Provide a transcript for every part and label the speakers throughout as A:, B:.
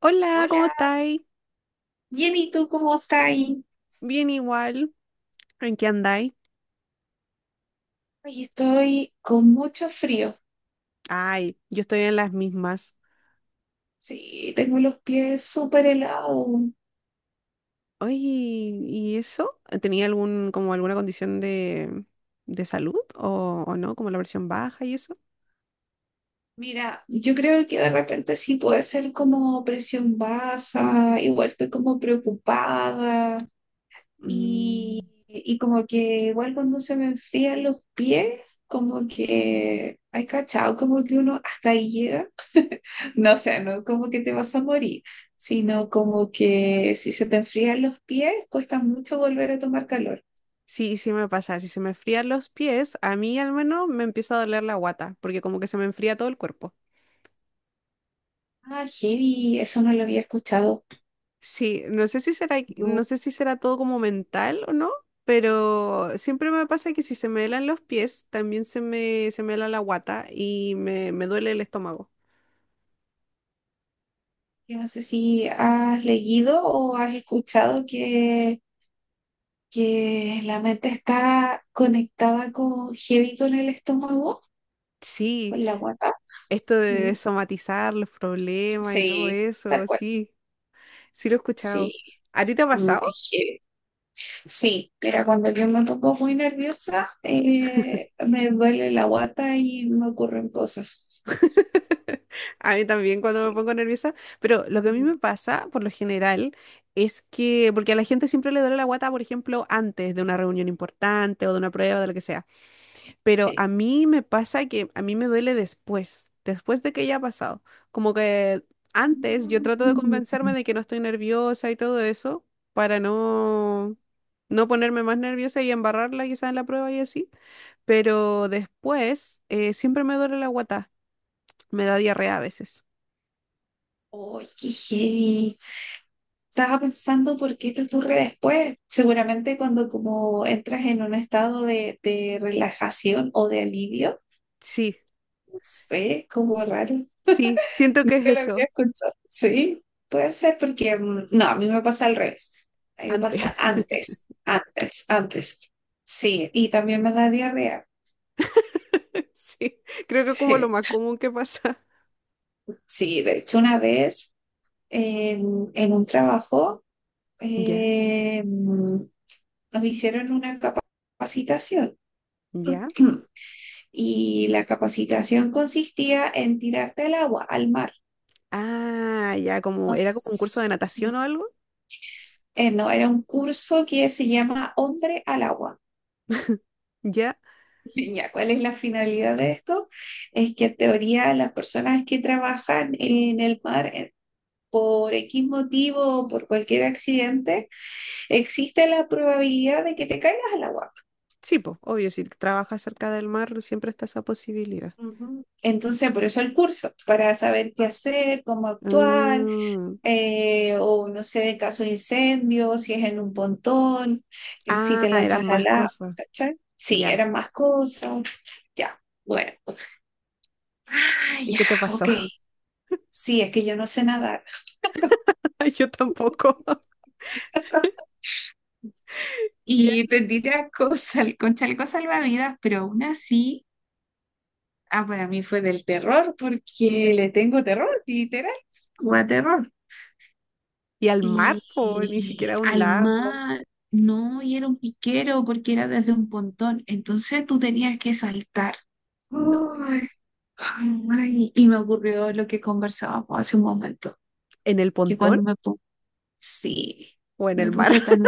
A: Hola, ¿cómo
B: Hola,
A: estáis?
B: bien, ¿y tú cómo estás?
A: Bien igual. ¿En qué andáis?
B: Hoy estoy con mucho frío.
A: Ay, yo estoy en las mismas.
B: Sí, tengo los pies súper helados.
A: Oye, ¿y eso? ¿Tenía algún, como alguna condición de salud o no? Como la versión baja y eso.
B: Mira, yo creo que de repente sí puede ser como presión baja, igual estoy como preocupada y,
A: Mm,
B: y como que igual cuando se me enfrían los pies, como que hay cachado, como que uno hasta ahí llega. No, o sea, no como que te vas a morir, sino como que si se te enfrían los pies, cuesta mucho volver a tomar calor.
A: sí, sí me pasa. Si se me enfrían los pies, a mí al menos me empieza a doler la guata, porque como que se me enfría todo el cuerpo.
B: Ah, heavy, eso no lo había escuchado.
A: Sí, no
B: No,
A: sé si será todo como mental o no, pero siempre me pasa que si se me helan los pies, también se me hela la guata y me duele el estómago.
B: yo no sé si has leído o has escuchado que la mente está conectada con heavy con el estómago,
A: Sí,
B: con la guata.
A: esto
B: Mm.
A: de somatizar los problemas y todo
B: Sí, tal
A: eso,
B: cual.
A: sí, sí lo he
B: Sí,
A: escuchado. ¿A ti te ha pasado?
B: es heavy. Sí, mira, cuando yo me pongo muy nerviosa, me duele la guata y me ocurren cosas.
A: A mí también cuando me
B: Sí.
A: pongo nerviosa, pero lo que a mí me pasa por lo general es que, porque a la gente siempre le duele la guata, por ejemplo, antes de una reunión importante o de una prueba, de lo que sea. Pero a
B: Sí.
A: mí me pasa que a mí me duele después, después de que ya ha pasado. Como que antes yo trato de
B: Mm.
A: convencerme de que no estoy nerviosa y todo eso para no, no ponerme más nerviosa y embarrarla quizás en la prueba y así. Pero después siempre me duele la guata, me da diarrea a veces.
B: Oye, qué heavy. Estaba pensando por qué te ocurre después. Seguramente cuando como entras en un estado de relajación o de alivio,
A: Sí,
B: no sé, como raro.
A: sí, siento que es
B: Nunca lo había
A: eso,
B: escuchado. Sí, puede ser porque, no, a mí me pasa al revés. A mí me
A: antes.
B: pasa antes, antes, antes. Sí, y también me da diarrea.
A: Sí, creo que es como lo
B: Sí,
A: más común que pasa.
B: sí, de hecho una vez en un trabajo
A: Ya,
B: eh, mm, nos hicieron una capacitación.
A: ya.
B: Y la capacitación consistía en tirarte al agua, al mar.
A: Ah, ya, como era como un curso de
B: Cons-
A: natación o algo.
B: no, era un curso que se llama Hombre al agua.
A: Ya,
B: Ya, ¿cuál es la finalidad de esto? Es que en teoría las personas que trabajan en el mar, por X motivo o por cualquier accidente, existe la probabilidad de que te caigas al agua.
A: sí, pues, obvio, si trabajas cerca del mar, siempre está esa posibilidad.
B: Ujú. Entonces, por eso el curso, para saber qué hacer, cómo actuar,
A: Mm.
B: o no sé, en caso de incendio, si es en un pontón, si
A: Ah,
B: te
A: eran
B: lanzas
A: más
B: al agua,
A: cosas.
B: ¿cachai? Sí,
A: Ya.
B: eran más cosas. Ya, bueno. Ah,
A: ¿Y
B: ya,
A: qué te pasó?
B: ok. Sí, es que yo no sé nadar.
A: Yo tampoco. Ya.
B: Y tendí a con chaleco salvavidas, pero aún así, ah, para mí fue del terror, porque le tengo terror, literal, como a terror.
A: ¿Y al mar, po? Ni
B: Y
A: siquiera a un
B: al
A: lago.
B: mar, no, y era un piquero porque era desde un pontón, entonces tú tenías que saltar.
A: No.
B: Ay, ay, y me ocurrió lo que conversábamos hace un momento,
A: ¿En el
B: que
A: pontón
B: cuando me puse, sí,
A: o en
B: me
A: el mar?
B: puse tan...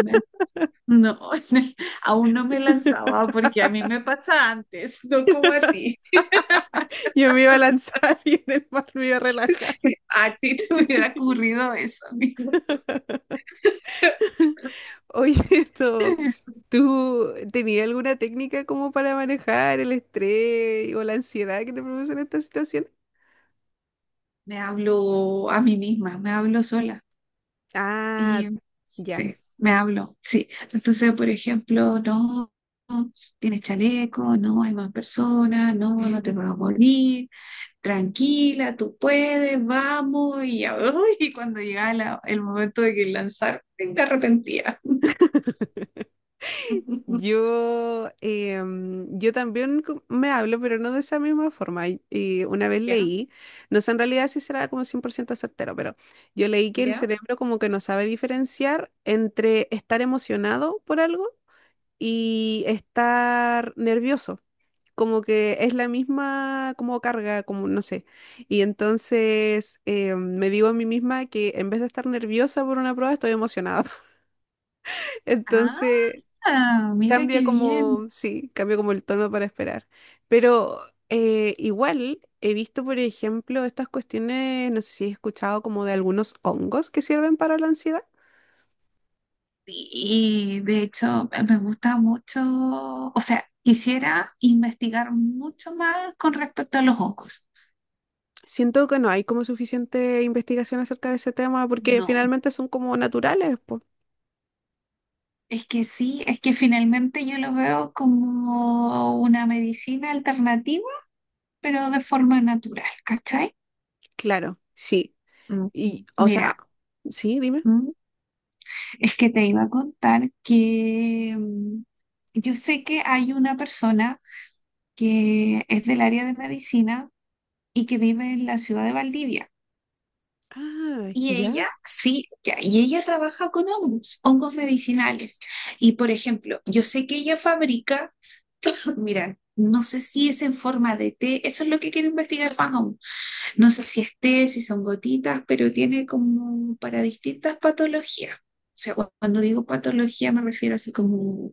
B: No, aún no me lanzaba porque a mí me pasa antes, no como a ti.
A: Yo me iba a lanzar y en el mar me iba a relajar.
B: A ti te hubiera ocurrido eso, amiga.
A: Oye, esto, ¿tú tenías alguna técnica como para manejar el estrés o la ansiedad que te producen estas situaciones?
B: Me hablo a mí misma, me hablo sola.
A: Ah,
B: Y
A: ya.
B: sí, me hablo, sí. Entonces, por ejemplo, no, no, tienes chaleco, no hay más personas, no, no te vas a morir, tranquila, tú puedes, vamos. Y ya, uy, y cuando llegaba el momento de que lanzar, me arrepentía.
A: Yo, yo también me hablo, pero no de esa misma forma. Y una vez leí, no sé en realidad si será como 100% certero, pero yo leí que el
B: ¿Ya?
A: cerebro como que no sabe diferenciar entre estar emocionado por algo y estar nervioso. Como que es la misma como carga, como no sé. Y entonces me digo a mí misma que en vez de estar nerviosa por una prueba, estoy emocionada. Entonces,
B: Ah, mira
A: cambia
B: qué
A: como,
B: bien.
A: sí, cambia como el tono para esperar. Pero igual he visto, por ejemplo, estas cuestiones, no sé si he escuchado como de algunos hongos que sirven para la ansiedad.
B: Y de hecho, me gusta mucho, o sea, quisiera investigar mucho más con respecto a los hongos.
A: Siento que no hay como suficiente investigación acerca de ese tema porque
B: No,
A: finalmente son como naturales, pues.
B: es que sí, es que finalmente yo lo veo como una medicina alternativa, pero de forma natural, ¿cachai?
A: Claro, sí.
B: Mm.
A: Y, o sea,
B: Mira,
A: sí, dime.
B: ¿m? Es que te iba a contar que, yo sé que hay una persona que es del área de medicina y que vive en la ciudad de Valdivia.
A: Ah,
B: Y
A: ya,
B: ella, sí, ya, y ella trabaja con hongos, hongos medicinales. Y por ejemplo, yo sé que ella fabrica, mira, no sé si es en forma de té, eso es lo que quiero investigar más aún. No sé si es té, si son gotitas, pero tiene como para distintas patologías. O sea, cuando digo patología me refiero así como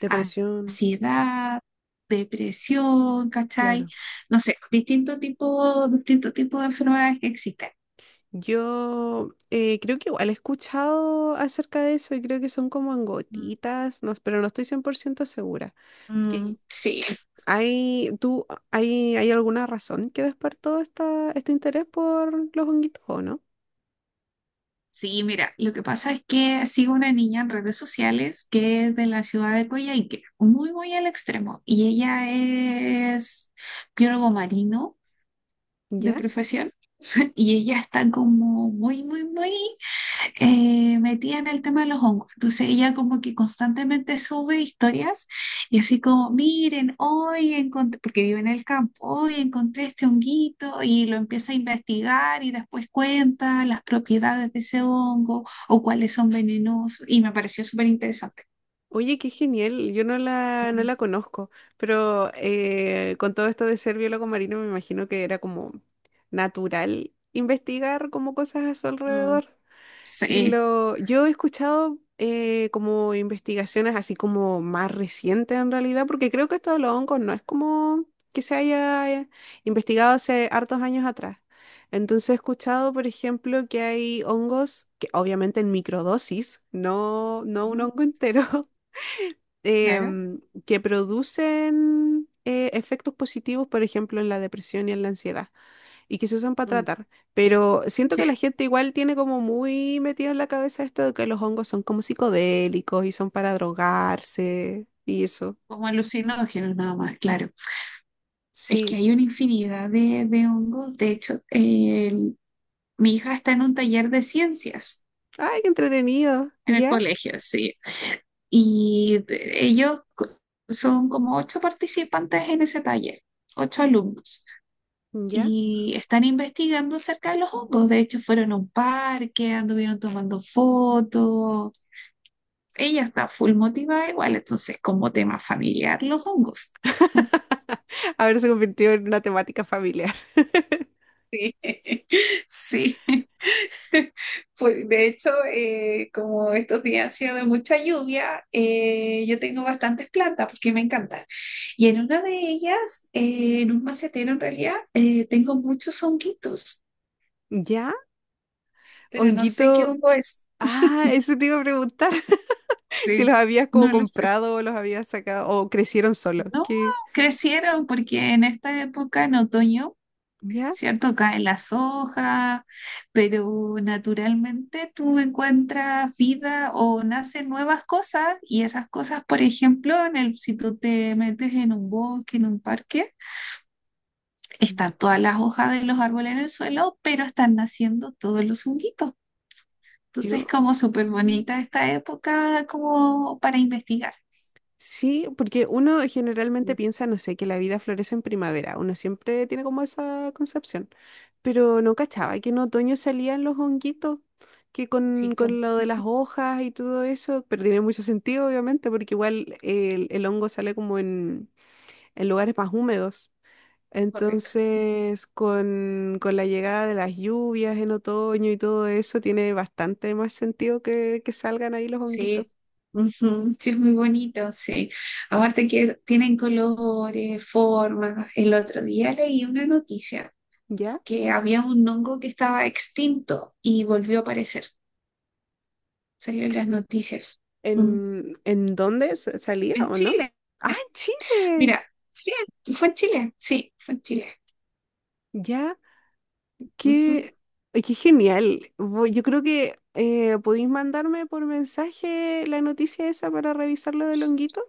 A: depresión,
B: ansiedad, depresión, ¿cachai?
A: claro.
B: No sé, distinto tipo de enfermedades que existen.
A: Yo creo que igual he escuchado acerca de eso y creo que son como en gotitas, no, pero no estoy 100% segura. Que
B: Mm, sí,
A: ¿hay, tú, hay alguna razón que despertó este interés por los honguitos o no?
B: sí, mira, lo que pasa es que sigo una niña en redes sociales que es de la ciudad de Coyhaique, muy, muy al extremo, y ella es biólogo marino de
A: ¿Ya?
B: profesión, y ella está como muy, muy, muy, metida en el tema de los hongos. Entonces ella como que constantemente sube historias y así como, miren, hoy encontré, porque vive en el campo, hoy encontré este honguito y lo empieza a investigar y después cuenta las propiedades de ese hongo o cuáles son venenosos y me pareció súper interesante.
A: Oye, qué genial, yo no la, no
B: Mm,
A: la conozco, pero con todo esto de ser biólogo marino me imagino que era como natural investigar como cosas a su
B: mm,
A: alrededor. Y
B: sí,
A: lo, yo he escuchado como investigaciones así como más recientes en realidad, porque creo que esto de los hongos no es como que se haya investigado hace hartos años atrás. Entonces he escuchado, por ejemplo, que hay hongos que obviamente en microdosis, no, no un
B: ujú,
A: hongo entero,
B: claro.
A: que producen efectos positivos, por ejemplo, en la depresión y en la ansiedad y que se usan para
B: Mm.
A: tratar. Pero siento que
B: Sí,
A: la gente igual tiene como muy metido en la cabeza esto de que los hongos son como psicodélicos y son para drogarse y eso.
B: como alucinógenos nada más, claro. Es que
A: Sí.
B: hay una infinidad de hongos. De hecho, mi hija está en un taller de ciencias
A: Ay, qué entretenido.
B: en el
A: ¿Ya?
B: colegio, sí. Y de- ellos co- Son como ocho participantes en ese taller, ocho alumnos.
A: ¿Ya?
B: Y están investigando acerca de los hongos. De hecho, fueron a un parque, anduvieron tomando fotos. Ella está full motivada igual, entonces como tema familiar los hongos.
A: Ahora se convirtió en una temática familiar.
B: Sí. Pues, de hecho, como estos días han sido de mucha lluvia, yo tengo bastantes plantas porque me encantan. Y en una de ellas, en un macetero en realidad, tengo muchos honguitos,
A: ¿Ya?
B: pero no sé qué
A: Honguito.
B: hongo es.
A: Ah, eso te iba a preguntar. Si los
B: Sí,
A: habías como
B: no lo sé.
A: comprado o los habías sacado o crecieron solos.
B: No,
A: ¿Qué?
B: crecieron porque en esta época, en otoño,
A: ¿Ya?
B: ¿cierto? Caen las hojas, pero naturalmente tú encuentras vida o nacen nuevas cosas y esas cosas, por ejemplo, en el, si tú te metes en un bosque, en un parque, están todas las hojas de los árboles en el suelo, pero están naciendo todos los honguitos. Entonces,
A: Yo.
B: como súper
A: Mm,
B: bonita esta época como para investigar.
A: sí, porque uno generalmente
B: Ujú.
A: piensa, no sé, que la vida florece en primavera. Uno siempre tiene como esa concepción. Pero no cachaba que en otoño salían los honguitos, que
B: Sí, pues,
A: con lo de las hojas y todo eso, pero tiene mucho sentido, obviamente, porque igual el hongo sale como en lugares más húmedos.
B: correcto.
A: Entonces, con la llegada de las lluvias en otoño y todo eso, tiene bastante más sentido que salgan ahí los honguitos,
B: Sí, ujú, sí, es muy bonito, sí. Aparte que tienen colores, formas. El otro día leí una noticia
A: ¿ya?
B: que había un hongo que estaba extinto y volvió a aparecer. Salió en las noticias. Mm.
A: En dónde salía
B: En
A: o no?
B: Chile,
A: Ah, en Chile.
B: mira, sí, fue en Chile, sí, fue en Chile.
A: Ya, qué,
B: Ujú.
A: ay, qué genial. Yo creo que podéis mandarme por mensaje la noticia esa para revisar lo del honguito.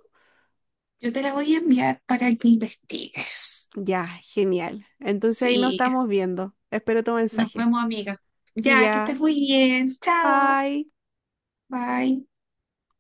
B: Yo te la voy a enviar para que investigues.
A: Ya, genial. Entonces ahí nos
B: Sí,
A: estamos viendo. Espero tu
B: nos
A: mensaje.
B: vemos, amiga. Ya, que estés
A: Ya,
B: muy bien. Chao.
A: bye.
B: Bye.